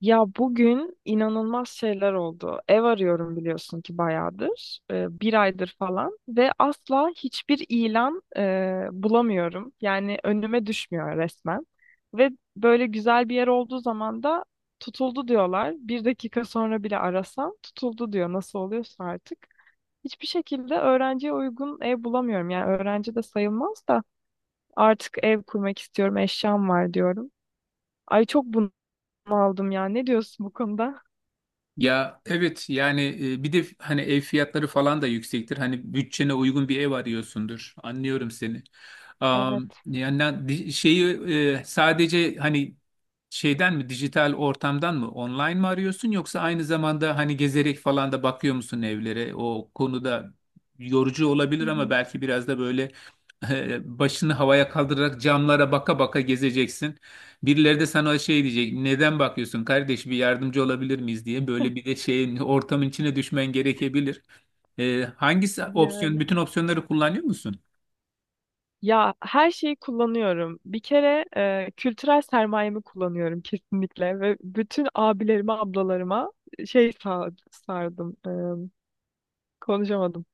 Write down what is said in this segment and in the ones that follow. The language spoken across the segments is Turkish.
Ya bugün inanılmaz şeyler oldu. Ev arıyorum biliyorsun ki bayağıdır, bir aydır falan ve asla hiçbir ilan bulamıyorum. Yani önüme düşmüyor resmen. Ve böyle güzel bir yer olduğu zaman da tutuldu diyorlar. Bir dakika sonra bile arasam tutuldu diyor. Nasıl oluyorsa artık. Hiçbir şekilde öğrenciye uygun ev bulamıyorum. Yani öğrenci de sayılmaz da artık ev kurmak istiyorum, eşyam var diyorum. Ay çok bunaldım ya. Ne diyorsun bu konuda? Ya evet yani bir de hani ev fiyatları falan da yüksektir. Hani bütçene uygun bir ev arıyorsundur. Anlıyorum seni. Evet. Am, yani na- di- şeyi e, sadece hani şeyden mi, dijital ortamdan mı, online mı arıyorsun yoksa aynı zamanda hani gezerek falan da bakıyor musun evlere? O konuda yorucu Hı olabilir ama hı. belki biraz da böyle başını havaya kaldırarak camlara baka baka gezeceksin. Birileri de sana şey diyecek, neden bakıyorsun kardeş, bir yardımcı olabilir miyiz diye, böyle bir de şeyin ortamın içine düşmen gerekebilir. Hangisi opsiyon, Yani bütün opsiyonları kullanıyor musun? ya her şeyi kullanıyorum. Bir kere kültürel sermayemi kullanıyorum kesinlikle ve bütün abilerime, ablalarıma şey sardım. Konuşamadım.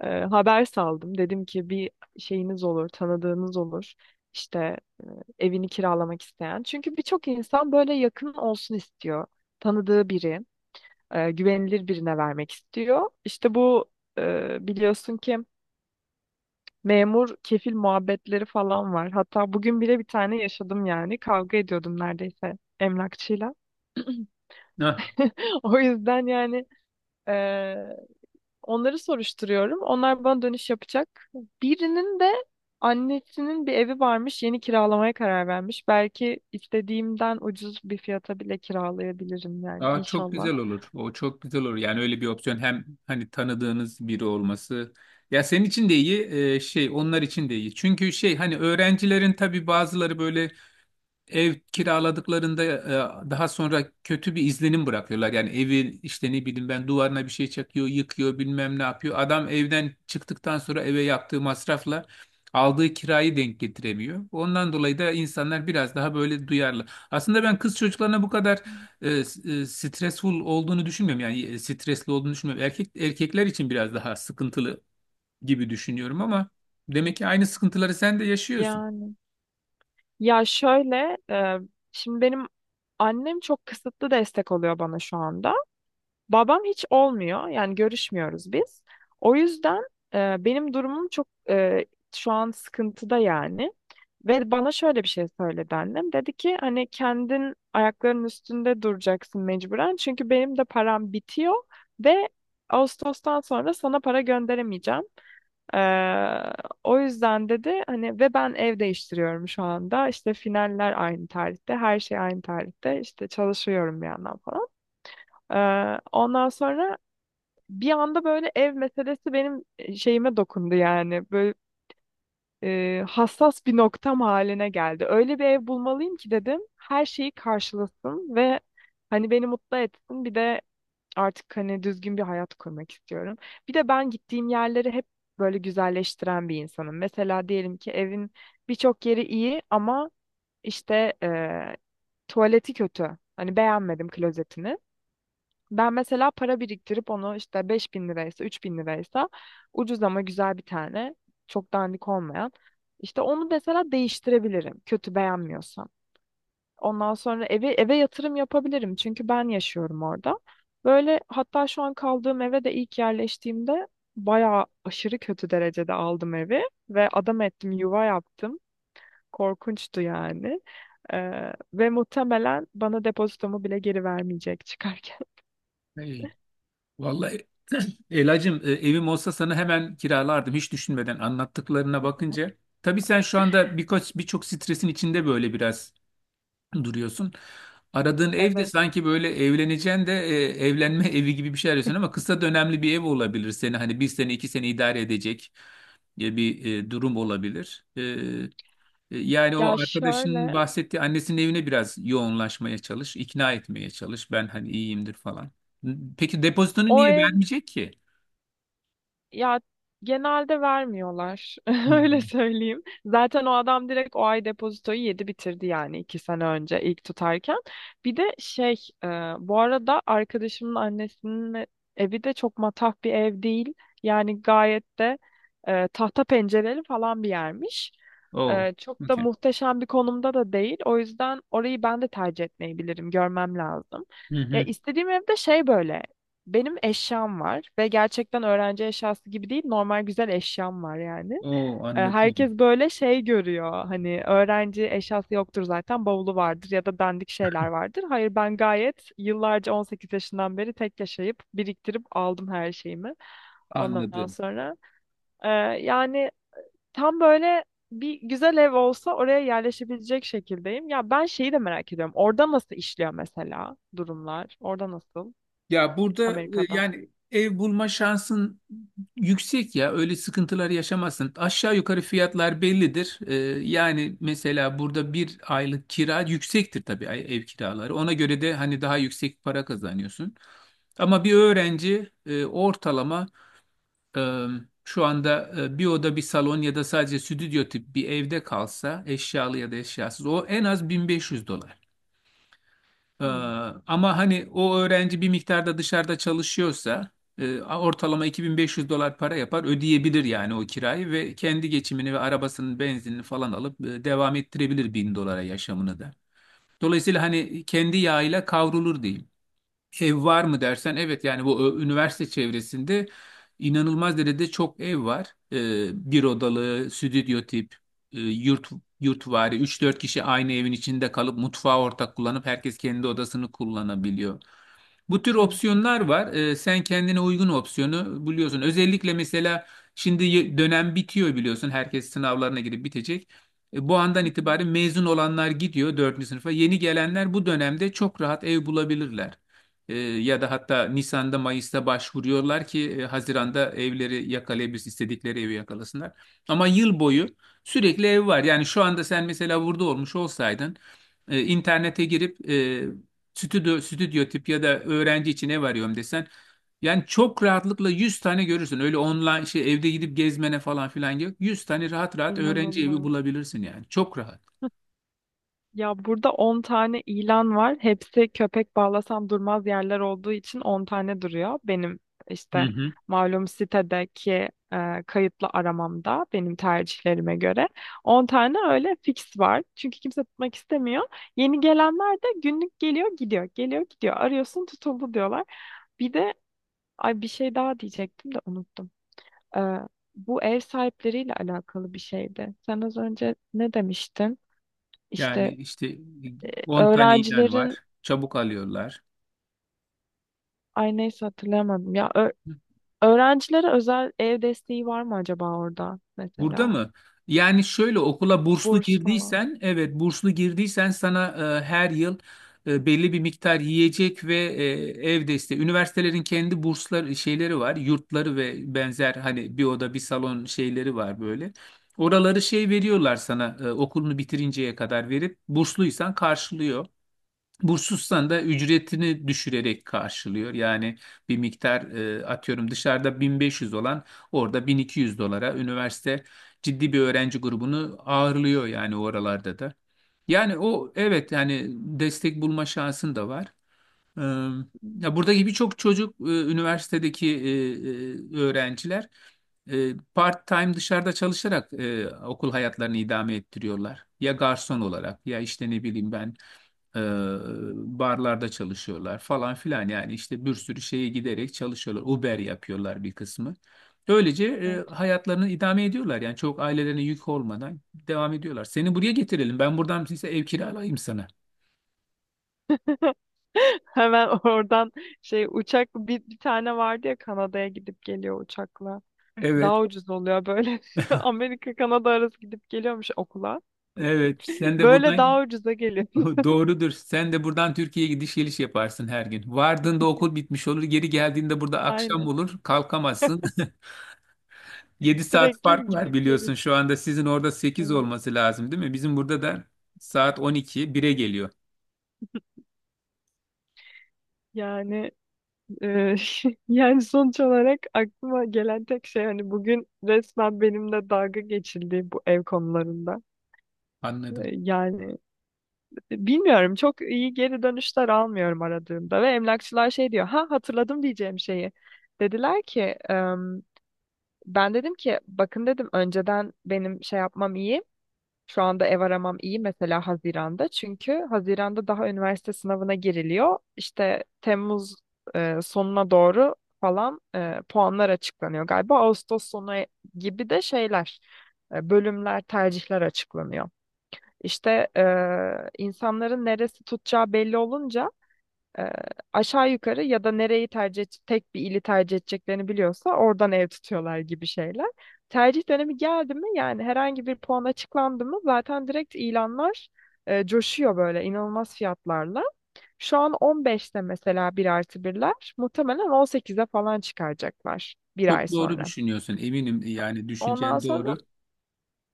Haber saldım. Dedim ki bir şeyiniz olur, tanıdığınız olur. İşte e, evini kiralamak isteyen. Çünkü birçok insan böyle yakın olsun istiyor. Tanıdığı biri, güvenilir birine vermek istiyor. İşte bu biliyorsun ki memur kefil muhabbetleri falan var. Hatta bugün bile bir tane yaşadım yani. Kavga ediyordum neredeyse emlakçıyla. O yüzden yani eee, onları soruşturuyorum. Onlar bana dönüş yapacak. Birinin de annesinin bir evi varmış. Yeni kiralamaya karar vermiş. Belki istediğimden ucuz bir fiyata bile kiralayabilirim yani Aa, çok inşallah. güzel olur. O çok güzel olur. Yani öyle bir opsiyon, hem hani tanıdığınız biri olması. Ya senin için de iyi, onlar için de iyi. Çünkü şey hani öğrencilerin tabii bazıları böyle ev kiraladıklarında daha sonra kötü bir izlenim bırakıyorlar. Yani evi işte, ne bileyim ben, duvarına bir şey çakıyor, yıkıyor, bilmem ne yapıyor. Adam evden çıktıktan sonra eve yaptığı masrafla aldığı kirayı denk getiremiyor. Ondan dolayı da insanlar biraz daha böyle duyarlı. Aslında ben kız çocuklarına bu kadar stressful olduğunu düşünmüyorum. Yani stresli olduğunu düşünmüyorum. Erkekler için biraz daha sıkıntılı gibi düşünüyorum ama demek ki aynı sıkıntıları sen de yaşıyorsun. Yani ya şöyle şimdi benim annem çok kısıtlı destek oluyor bana şu anda. Babam hiç olmuyor. Yani görüşmüyoruz biz. O yüzden benim durumum çok şu an sıkıntıda yani. Ve bana şöyle bir şey söyledi annem. Dedi ki hani kendin ayaklarının üstünde duracaksın mecburen. Çünkü benim de param bitiyor ve Ağustos'tan sonra sana para gönderemeyeceğim. Ee, O yüzden dedi hani ve ben ev değiştiriyorum şu anda. İşte finaller aynı tarihte, her şey aynı tarihte. İşte çalışıyorum bir yandan falan. Ondan sonra bir anda böyle ev meselesi benim şeyime dokundu yani. Böyle hassas bir noktam haline geldi. Öyle bir ev bulmalıyım ki dedim. Her şeyi karşılasın ve hani beni mutlu etsin. Bir de artık hani düzgün bir hayat kurmak istiyorum. Bir de ben gittiğim yerleri hep böyle güzelleştiren bir insanım. Mesela diyelim ki evin birçok yeri iyi ama işte tuvaleti kötü. Hani beğenmedim klozetini. Ben mesela para biriktirip onu işte 5.000 liraysa 3.000 liraysa ucuz ama güzel bir tane çok dandik olmayan işte onu mesela değiştirebilirim kötü beğenmiyorsam. Ondan sonra eve yatırım yapabilirim çünkü ben yaşıyorum orada. Böyle hatta şu an kaldığım eve de ilk yerleştiğimde bayağı aşırı kötü derecede aldım evi ve adam ettim yuva yaptım. Korkunçtu yani. Ve muhtemelen bana depozitomu bile geri vermeyecek çıkarken. Vallahi Elacığım, evim olsa sana hemen kiralardım hiç düşünmeden, anlattıklarına bakınca. Tabii sen şu anda birçok stresin içinde böyle biraz duruyorsun. Aradığın ev de Evet. sanki böyle evleneceksin de evlenme evi gibi bir şey arıyorsun, ama kısa dönemli bir ev olabilir, seni hani bir sene iki sene idare edecek bir durum olabilir. Yani Ya o arkadaşının şöyle, bahsettiği annesinin evine biraz yoğunlaşmaya çalış, ikna etmeye çalış. Ben hani iyiyimdir falan. Peki depozitonu o niye ev... vermeyecek ki? Ya genelde vermiyorlar. Öyle Hmm. söyleyeyim. Zaten o adam direkt o ay depozitoyu yedi bitirdi yani 2 sene önce ilk tutarken. Bir de şey, e, bu arada arkadaşımın annesinin evi de çok matah bir ev değil. Yani gayet de tahta pencereli falan bir yermiş. Oh, Çok da okay. muhteşem bir konumda da değil. O yüzden orayı ben de tercih etmeyebilirim. Görmem lazım. Hı Ya hı. istediğim evde şey böyle. Benim eşyam var ve gerçekten öğrenci eşyası gibi değil, normal güzel eşyam var yani. Oh, Herkes anladım. böyle şey görüyor. Hani öğrenci eşyası yoktur zaten, bavulu vardır ya da dandik şeyler vardır. Hayır ben gayet yıllarca 18 yaşından beri tek yaşayıp biriktirip aldım her şeyimi. Ondan Anladım. sonra e, yani tam böyle bir güzel ev olsa oraya yerleşebilecek şekildeyim. Ya ben şeyi de merak ediyorum. Orada nasıl işliyor mesela durumlar? Orada nasıl? Ya burada Amerika'da. yani ev bulma şansın yüksek ya. Öyle sıkıntılar yaşamazsın. Aşağı yukarı fiyatlar bellidir. Yani mesela burada bir aylık kira yüksektir tabii, ev kiraları. Ona göre de hani daha yüksek para kazanıyorsun. Ama bir öğrenci ortalama e, şu anda bir oda bir salon ya da sadece stüdyo tip bir evde kalsa, eşyalı ya da eşyasız, o en az 1500 dolar. E, Hmm. Ama hani o öğrenci bir miktarda dışarıda çalışıyorsa ortalama 2500 dolar para yapar, ödeyebilir yani o kirayı ve kendi geçimini ve arabasının benzinini falan alıp devam ettirebilir 1000 dolara yaşamını da. Dolayısıyla hani kendi yağıyla kavrulur diyeyim. Ev var mı dersen, evet yani, bu üniversite çevresinde inanılmaz derecede çok ev var. Bir odalı, stüdyo tip, e, yurt yurtvari üç dört kişi aynı evin içinde kalıp mutfağı ortak kullanıp herkes kendi odasını kullanabiliyor. Bu tür Hı. opsiyonlar var. Sen kendine uygun opsiyonu buluyorsun. Özellikle mesela şimdi dönem bitiyor biliyorsun. Herkes sınavlarına girip bitecek. Bu andan Hı hı. itibaren mezun olanlar gidiyor 4. sınıfa. Yeni gelenler bu dönemde çok rahat ev bulabilirler. Ya da hatta Nisan'da Mayıs'ta başvuruyorlar ki Haziran'da evleri yakalayabilirsin, istedikleri evi yakalasınlar. Ama yıl boyu sürekli ev var. Yani şu anda sen mesela burada olmuş olsaydın, internete girip stüdyo, stüdyo tip ya da öğrenci için ev arıyorum desen, yani çok rahatlıkla 100 tane görürsün. Öyle online şey evde gidip gezmene falan filan yok. 100 tane rahat rahat öğrenci evi İnanılmaz. bulabilirsin yani. Çok rahat. Ya burada 10 tane ilan var. Hepsi köpek bağlasam durmaz yerler olduğu için 10 tane duruyor. Benim Hı işte hı. malum sitedeki kayıtlı aramamda benim tercihlerime göre 10 tane öyle fix var. Çünkü kimse tutmak istemiyor. Yeni gelenler de günlük geliyor gidiyor. Geliyor gidiyor. Arıyorsun tutuldu diyorlar. Bir de ay bir şey daha diyecektim de unuttum. E, Bu ev sahipleriyle alakalı bir şeydi. Sen az önce ne demiştin? Yani İşte işte 10 tane ilan öğrencilerin var. Çabuk alıyorlar. ay neyse hatırlayamadım. Ya öğrencilere özel ev desteği var mı acaba orada Burada mesela? mı? Yani şöyle, okula burslu Burs falan. girdiysen, evet burslu girdiysen sana her yıl belli bir miktar yiyecek ve ev desteği. Üniversitelerin kendi bursları şeyleri var, yurtları ve benzer hani bir oda bir salon şeyleri var böyle. Oraları şey veriyorlar sana, okulunu bitirinceye kadar verip bursluysan karşılıyor. Bursus'tan da ücretini düşürerek karşılıyor. Yani bir miktar, atıyorum dışarıda 1500 olan orada 1200 dolara, üniversite ciddi bir öğrenci grubunu ağırlıyor yani oralarda da. Yani o, evet yani destek bulma şansın da var. Ee, Hmm. Ya buradaki birçok çocuk, üniversitedeki öğrenciler part-time dışarıda çalışarak okul hayatlarını idame ettiriyorlar. Ya garson olarak, ya işte ne bileyim ben e, barlarda çalışıyorlar falan filan, yani işte bir sürü şeye giderek çalışıyorlar. Uber yapıyorlar bir kısmı. Böylece hayatlarını idame ediyorlar yani çok ailelerine yük olmadan devam ediyorlar. Seni buraya getirelim, ben buradan size ev kiralayayım sana. Hemen oradan şey uçak, bir tane vardı ya Kanada'ya gidip geliyor uçakla. Evet, Daha ucuz oluyor böyle. Amerika Kanada arası gidip geliyormuş okula. evet. Sen de Böyle daha buradan… ucuza geliyor. Doğrudur. Sen de buradan Türkiye'ye gidiş geliş yaparsın her gün. Vardığında okul bitmiş olur. Geri geldiğinde burada akşam Aynen. olur. Kalkamazsın. 7 saat fark Sürekli var gidip biliyorsun. geliyor. Şu anda sizin orada sekiz Evet. olması lazım değil mi? Bizim burada da saat on iki bire geliyor. Yani Ee, yani sonuç olarak aklıma gelen tek şey hani bugün resmen benimle dalga geçildi bu ev konularında. Anladım. Yani bilmiyorum, çok iyi geri dönüşler almıyorum aradığımda ve emlakçılar şey diyor, ha hatırladım diyeceğim şeyi. Dediler ki "Em, ben dedim ki bakın dedim önceden benim şey yapmam iyi, şu anda ev aramam iyi mesela Haziran'da. Çünkü Haziran'da daha üniversite sınavına giriliyor. İşte Temmuz sonuna doğru falan puanlar açıklanıyor galiba. Ağustos sonu gibi de şeyler, bölümler, tercihler açıklanıyor. İşte insanların neresi tutacağı belli olunca e, aşağı yukarı ya da nereyi tercih tek bir ili tercih edeceklerini biliyorsa oradan ev tutuyorlar gibi şeyler. Tercih dönemi geldi mi yani, herhangi bir puan açıklandı mı, zaten direkt ilanlar coşuyor böyle inanılmaz fiyatlarla. Şu an 15'te mesela 1+1'ler. Muhtemelen 18'e falan çıkaracaklar bir ay Çok doğru sonra. düşünüyorsun. Eminim yani Ondan düşüncen sonra doğru.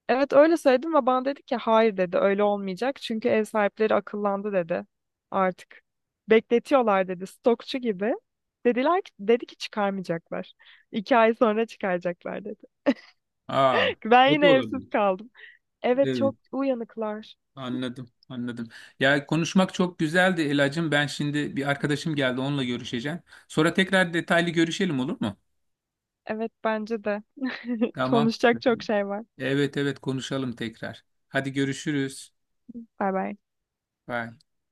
evet, öyle söyledim ve bana dedi ki hayır dedi, öyle olmayacak. Çünkü ev sahipleri akıllandı dedi. Artık bekletiyorlar dedi, stokçu gibi. Dediler ki, dedi ki çıkarmayacaklar. 2 ay sonra çıkaracaklar dedi. Aa, Ben o da yine evsiz olabilir. kaldım. Evet, Evet. çok uyanıklar. Anladım, anladım. Ya konuşmak çok güzeldi Elacığım. Ben şimdi bir arkadaşım geldi, onunla görüşeceğim. Sonra tekrar detaylı görüşelim, olur mu? Evet, bence de. Tamam. Konuşacak çok şey var. Evet evet, konuşalım tekrar. Hadi görüşürüz. Bay bay. Bye.